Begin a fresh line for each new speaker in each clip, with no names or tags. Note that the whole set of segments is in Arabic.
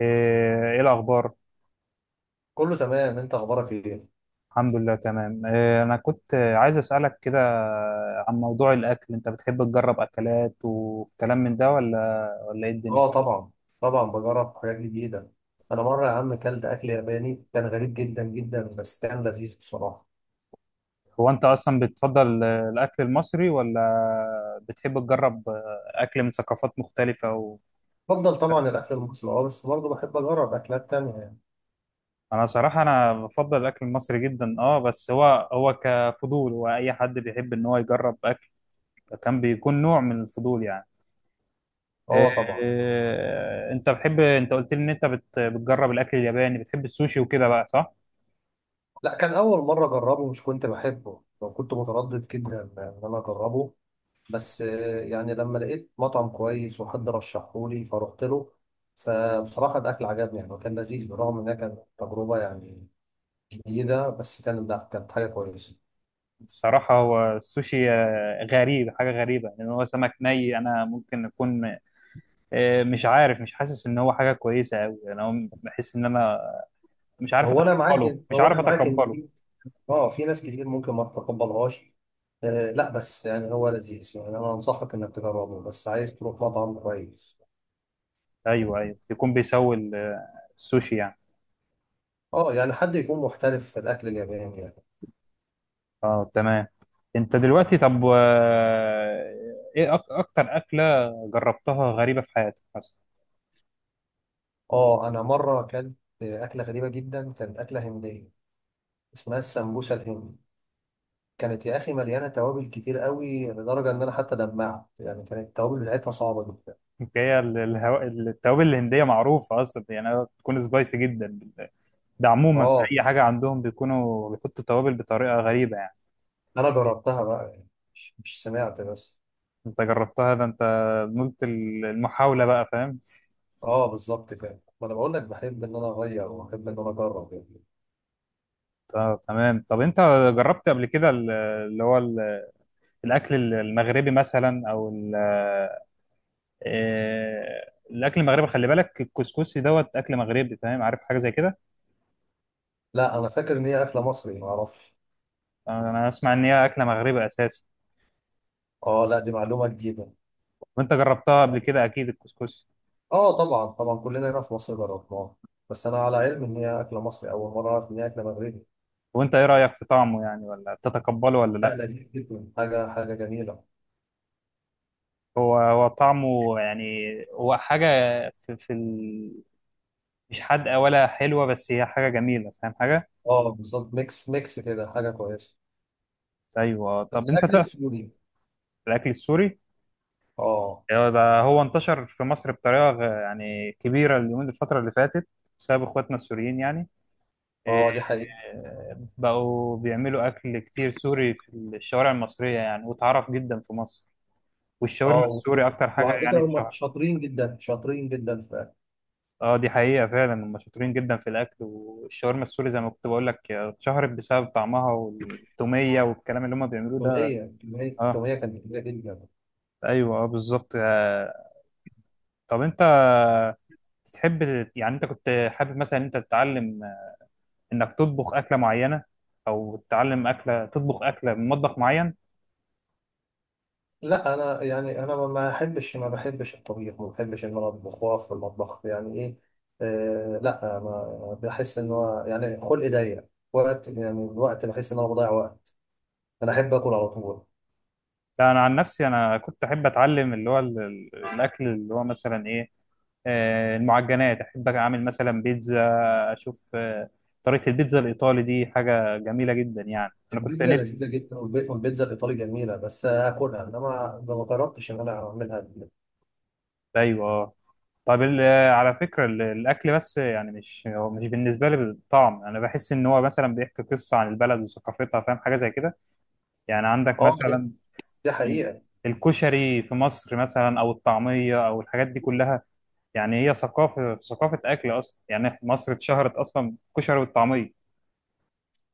ايه إيه الاخبار؟
كله تمام، انت اخبارك ايه؟
الحمد لله تمام. إيه، انا كنت عايز اسالك كده عن موضوع الاكل. انت بتحب تجرب اكلات وكلام من ده ولا ايه الدنيا؟
اه طبعا. بجرب حاجات جديده. انا مره يا عم كلت اكل ياباني، كان غريب جدا جدا بس كان لذيذ بصراحه.
هو انت اصلا بتفضل الاكل المصري ولا بتحب تجرب اكل من ثقافات مختلفه و...
بفضل طبعا الاكل المصري، اه بس برضه بحب اجرب اكلات تانية يعني.
انا صراحه، انا بفضل الاكل المصري جدا. اه بس هو كفضول، واي حد بيحب ان هو يجرب اكل كان بيكون نوع من الفضول يعني.
اه طبعا.
انت بتحب، انت قلت لي ان انت بتجرب الاكل الياباني، بتحب السوشي وكده بقى، صح؟
لا، كان اول مره اجربه، مش كنت بحبه، لو كنت متردد جدا ان انا اجربه، بس يعني لما لقيت مطعم كويس وحد رشحهولي فروحت له. فبصراحه الاكل عجبني يعني، وكان لذيذ بالرغم انها كانت تجربه يعني جديده، بس كان لا، كانت حاجه كويسه.
الصراحه هو السوشي غريب، حاجه غريبه، لان هو سمك ني. انا ممكن اكون مش عارف، مش حاسس ان هو حاجه كويسه قوي. انا بحس ان انا مش
ما
عارف
هو انا معاك
اتقبله
ما
مش
هو
عارف
انا معاك ان
اتقبله.
في اه في ناس كتير ممكن ما تتقبلهاش. آه لا، بس يعني هو لذيذ يعني، انا انصحك انك تجربه، بس عايز تروح مطعم كويس.
ايوه ايوه، يكون بيسوي السوشي يعني.
اه، يعني حد يكون محترف في الاكل الياباني يعني.
اه تمام. انت دلوقتي، طب ايه اكتر اكله جربتها غريبه في حياتك مثلا؟
اه انا مره اكلت اكله غريبه جدا، كانت اكله هنديه اسمها السمبوسه الهندي. كانت يا اخي مليانه توابل كتير قوي، لدرجه ان انا حتى دمعت يعني، كانت التوابل بتاعتها صعبه جدا.
هي التوابل الهندية معروفة أصلا يعني، بتكون سبايسي جدا. ده عموما في
اه
أي حاجة عندهم بيكونوا بيحطوا توابل بطريقة غريبة يعني.
انا جربتها بقى يعني، مش سمعت بس.
أنت جربتها، ده أنت نلت المحاولة بقى، فاهم؟
اه بالظبط كده، ما انا بقول لك بحب ان انا اغير وبحب ان انا اجرب يعني.
آه تمام. طب أنت جربت قبل كده الأكل المغربي مثلا، أو ال... الأكل المغربي، خلي بالك الكسكسي دوت أكل مغربي، فاهم؟ عارف حاجة زي كده؟
لا انا فاكر ان هي اكله مصري، ما اعرفش.
أنا أسمع إن هي أكلة مغربي أساسا.
اه لا، دي معلومه جديده.
وأنت جربتها قبل كده أكيد، الكسكسي.
اه طبعا طبعا، كلنا هنا في مصر جربناها، بس انا على علم ان هي اكله مصري، اول مره اعرف ان هي اكله مغربي.
وانت ايه رأيك في طعمه يعني؟ ولا تتقبله ولا لا؟
لا، لذيذ جدا، حاجه حاجه جميله.
هو طعمه يعني، هو حاجة في, في ال... مش حادقة ولا حلوة، بس هي حاجة جميلة، فاهم حاجة؟
اه بالظبط، ميكس ميكس كده، حاجه كويسه.
ايوه. طب انت
الاكل
تعرف
السوري.
الاكل السوري؟
اه.
هو ده انتشر في مصر بطريقة يعني كبيرة اليومين، الفترة اللي فاتت، بسبب اخواتنا السوريين يعني. إيه،
اه دي حقيقه.
بقوا بيعملوا اكل كتير سوري في الشوارع المصرية يعني، واتعرف جدا في مصر. والشاورما
اه و-
السوري اكتر حاجة
وعلى فكره
يعني
هم
اتشهرت.
شاطرين جدا شاطرين جدا في الاكل.
اه دي حقيقة فعلا، هم شاطرين جدا في الأكل، والشاورما السوري زي ما كنت بقول لك اتشهرت بسبب طعمها والتومية والكلام اللي هم بيعملوه ده.
التوميه
اه.
التومية كانت كبيره جدا.
ايوه اه بالظبط طب انت تحب يعني، انت كنت حابب مثلا انت تتعلم انك تطبخ أكلة معينة، او تتعلم أكلة، تطبخ أكلة من مطبخ معين؟
لا انا يعني، انا ما احبش ما بحبش الطبيخ، ما بحبش ان انا اطبخ واقف في المطبخ يعني ايه. آه لا، ما بحس ان هو يعني خلقي ضيق وقت، يعني الوقت بحس ان انا بضيع وقت. انا احب اكل على طول.
لا انا عن نفسي انا كنت احب اتعلم اللي هو الاكل اللي هو مثلا ايه، المعجنات. احب اعمل مثلا بيتزا، اشوف طريقه البيتزا الايطالي، دي حاجه جميله جدا يعني، انا كنت
البيتزا
نفسي.
لذيذه جدا، والبيتزا الايطالي جميله بس اكلها، انما ما جربتش ان انا اعملها.
ايوه طيب على فكره الاكل بس يعني، مش هو مش بالنسبه لي بالطعم، انا بحس ان هو مثلا بيحكي قصه عن البلد وثقافتها، فاهم حاجه زي كده؟ يعني عندك
اه دي
مثلا
دي
ال-
حقيقه.
الكشري في مصر مثلا، او الطعميه، او الحاجات دي كلها. يعني هي ثقافه اكل اصلا. يعني مصر اتشهرت اصلا بالكشري والطعميه.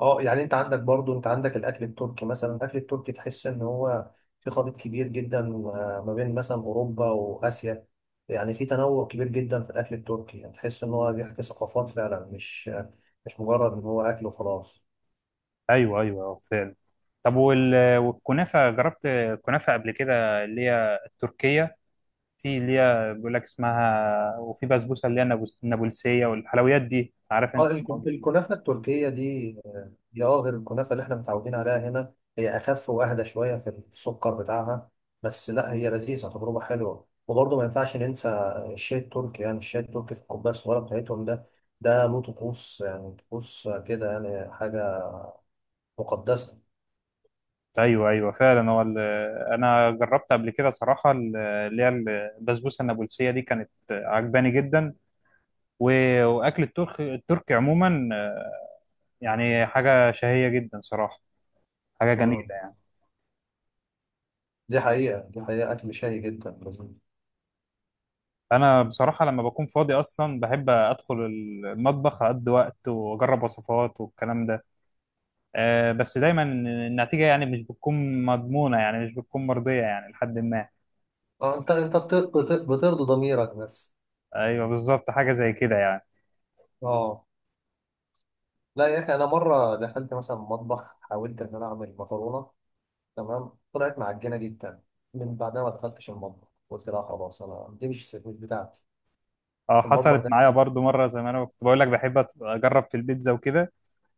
اه يعني انت عندك برضو، انت عندك الاكل التركي مثلا، الاكل التركي تحس ان هو في خليط كبير جدا ما بين مثلا اوروبا واسيا. يعني في تنوع كبير جدا في الاكل التركي، يعني تحس ان هو بيحكي ثقافات فعلا، مش مجرد ان هو اكل وخلاص.
ايوه ايوه فعلا. طب وال... والكنافه جربت كنافه قبل كده، اللي هي التركيه؟ في اللي هي بيقول لك اسمها، وفي بسبوسه اللي هي النابلسيه، والحلويات دي عارف
اه،
انت الموضوع.
الكنافة التركية دي هي اه غير الكنافة اللي احنا متعودين عليها هنا، هي أخف وأهدى شوية في السكر بتاعها. بس لا، هي لذيذة، تجربة حلوة. وبرضه ما ينفعش ننسى الشاي التركي، يعني الشاي التركي في الكوباية الصغيرة بتاعتهم ده، ده له طقوس، يعني طقوس كده، يعني حاجة مقدسة.
ايوه ايوه فعلا. هو انا جربت قبل كده صراحه اللي هي البسبوسه النابلسيه، دي كانت عجباني جدا. واكل الترك التركي عموما يعني حاجه شهيه جدا صراحه، حاجه جميله.
مم. دي حقيقة، دي حقيقة، أكل شهي جدا لذيذ.
انا بصراحه لما بكون فاضي اصلا بحب ادخل المطبخ، اقضي وقت واجرب وصفات والكلام ده. أه بس دايما النتيجه يعني مش بتكون مضمونه، يعني مش بتكون مرضيه يعني لحد ما. بس
بترضي ضميرك بس.
ايوه بالظبط، حاجه زي كده يعني.
اه لا يا اخي، انا مره دخلت مثلا مطبخ، حاولت ان انا اعمل مكرونه، تمام، طلعت معجنه جدا. من بعدها ما دخلتش المطبخ، قلت لا خلاص، انا دي مش بتاعتي،
اه
المطبخ
حصلت
ده
معايا
كتير.
برضو مره، زي ما انا كنت بقول لك بحب اجرب في البيتزا وكده.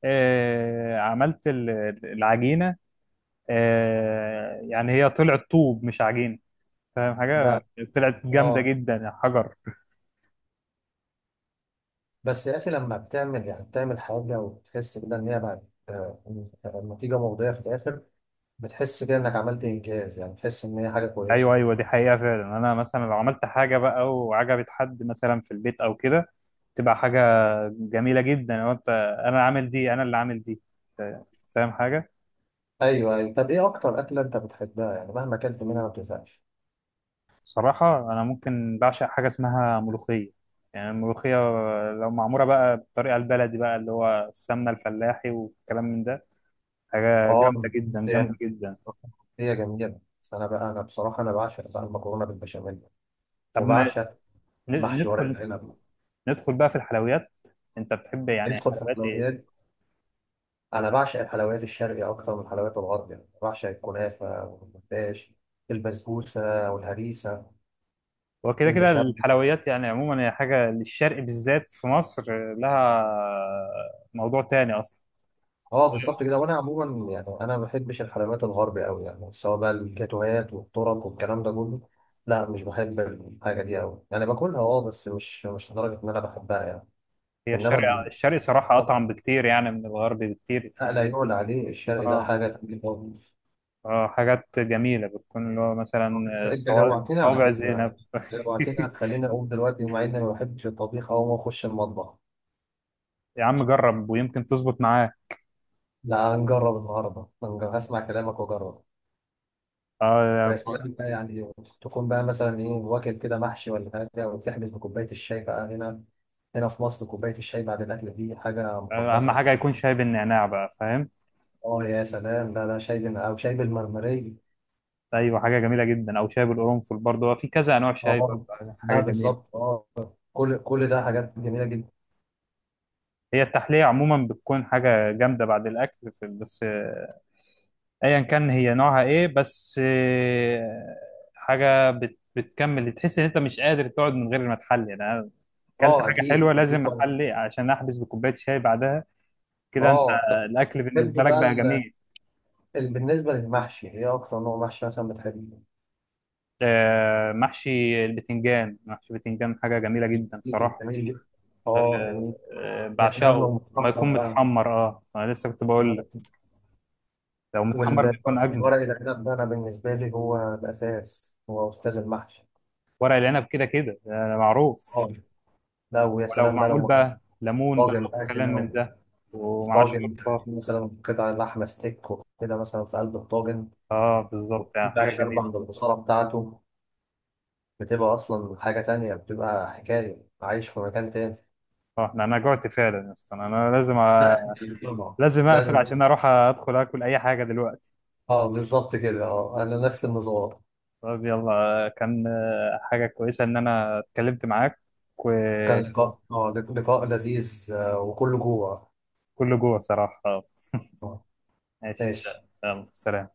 أه عملت العجينه، أه يعني هي طلعت طوب مش عجينه، فاهم
ده
حاجه؟ طلعت جامده
اه
جدا، حجر.
بس يا اخي، لما بتعمل يعني بتعمل حاجه وتحس كده ان هي بقت، آه، النتيجه مرضيه في الاخر، بتحس كده انك عملت انجاز، يعني بتحس ان هي حاجه
ايوه
كويسه.
ايوه دي حقيقه فعلا. انا مثلا لو عملت حاجه بقى وعجبت حد مثلا في البيت او كده، تبقى حاجه جميله جدا. لو انت انا عامل دي، انا اللي عامل دي، فا- فاهم حاجه؟
ايوه ايوه. طب ايه اكتر اكله انت بتحبها، يعني مهما اكلت منها ما بتزهقش؟
صراحه انا ممكن بعشق حاجه اسمها ملوخيه. يعني الملوخيه لو معموله بقى بالطريقه البلدي بقى، اللي هو السمنه الفلاحي والكلام من ده، حاجه
اه
جامده جدا،
يعني
جامده جدا.
هي جميلة، بس أنا بقى، أنا بصراحة أنا بعشق بقى المكرونة بالبشاميل،
طب
وبعشق محشي ورق
ندخل،
العنب.
ندخل بقى في الحلويات. انت بتحب يعني
ندخل في
حلويات ايه؟
الحلويات. انا بعشق الحلويات الشرقي اكتر من الحلويات الغربية، بعشق الكنافة والمفتاش، البسبوسة والهريسة،
هو كده كده
المشب.
الحلويات يعني عموما هي حاجة للشرق، بالذات في مصر لها موضوع تاني أصلا.
اه بالظبط كده، وانا عموما يعني انا ما بحبش الحلويات الغربي قوي يعني، سواء بقى الجاتوهات والطرق والكلام ده كله، لا مش بحب الحاجة دي قوي يعني، باكلها اه بس مش لدرجة ان انا بحبها يعني.
هي
انما
الشرق
ال-
الشرق صراحة أطعم بكتير يعني من الغرب بكتير.
آه، لا يعلى عليه الشرقي، ده
اه
حاجة تقيلة خالص.
اه حاجات جميلة، بتكون اللي هو مثلا
انت جوعتنا على
صوابع
فكرة،
زينب.
جوعتنا، خلينا اقوم دلوقتي، مع اني ما بحبش الطبيخ او ما اخش المطبخ.
يا عم جرب ويمكن تظبط معاه.
لا، هنجرب النهارده، هنجرب، هسمع كلامك واجرب.
اه
بس بقى يعني تكون بقى مثلا ايه، واكل كده محشي ولا حاجه، وتحبس بكوبايه الشاي بقى. هنا، هنا في مصر، كوبايه الشاي بعد الاكل دي حاجه
أهم
مقدسه.
حاجة يكون شاي بالنعناع بقى، فاهم؟
اه يا سلام، لا لا، او شاي بالمرمريه.
أيوة حاجة جميلة جدا، أو شاي بالقرنفل برضه، هو في كذا أنواع شاي
اه
برضه، حاجة
لا
جميلة.
بالظبط، اه، كل كل ده حاجات جميله جدا.
هي التحلية عموما بتكون حاجة جامدة بعد الأكل، في بس ايا كان هي نوعها ايه، بس حاجه بتكمل، تحس ان انت مش قادر تقعد من غير ما تحلي يعني. انا اكلت
اه
حاجه
اكيد
حلوه
اكيد
لازم
طبعا.
احلي، عشان احبس بكوبايه شاي بعدها. كده انت
اه طب
الاكل
تحب
بالنسبه لك بقى
بقى،
جميل.
بالنسبة للمحشي، هي أكتر نوع محشي مثلا بتحبه؟
محشي البتنجان، محشي البتنجان حاجه جميله جدا صراحه.
جميل،
آه،
اه جميل. يا سلام
بعشقه.
لو
ما
متحمر
يكون
بقى
متحمر، اه انا لسه كنت بقول
مرة
لك،
كده.
لو متحمر
وال-
بيكون اجمل.
والورق العنب ده، أنا بالنسبة لي هو الأساس، هو أستاذ المحشي.
ورق العنب كده كده معروف.
اه لا، ويا
ولو
سلام بقى
معمول
لو
بقى ليمون بقى،
طاجن بقى
وكلام
كده،
من
أو
ده،
في
ومعاه
طاجن
شوربه،
مثلا قطع لحمة ستيك وكده مثلا في قلب الطاجن،
اه بالظبط يعني، حاجه
وبقى
جميله.
شاربة من البصارة بتاعته، بتبقى أصلا حاجة تانية، بتبقى حكاية، عايش في مكان تاني.
اه انا، أنا جوعت فعلا يا اسطى، انا لازم أ...
لا طبعا،
لازم اقفل
لازم.
عشان اروح ادخل اكل اي حاجه دلوقتي.
اه بالظبط كده، اه انا نفس النظام.
طب يلا كان حاجه كويسه ان انا اتكلمت معاك،
كان
وكله
لقاء، اه لقاء لذيذ، وكله جوه.
جوه صراحه. اه
آه،
ماشي.
ماشي.
يلا سلام.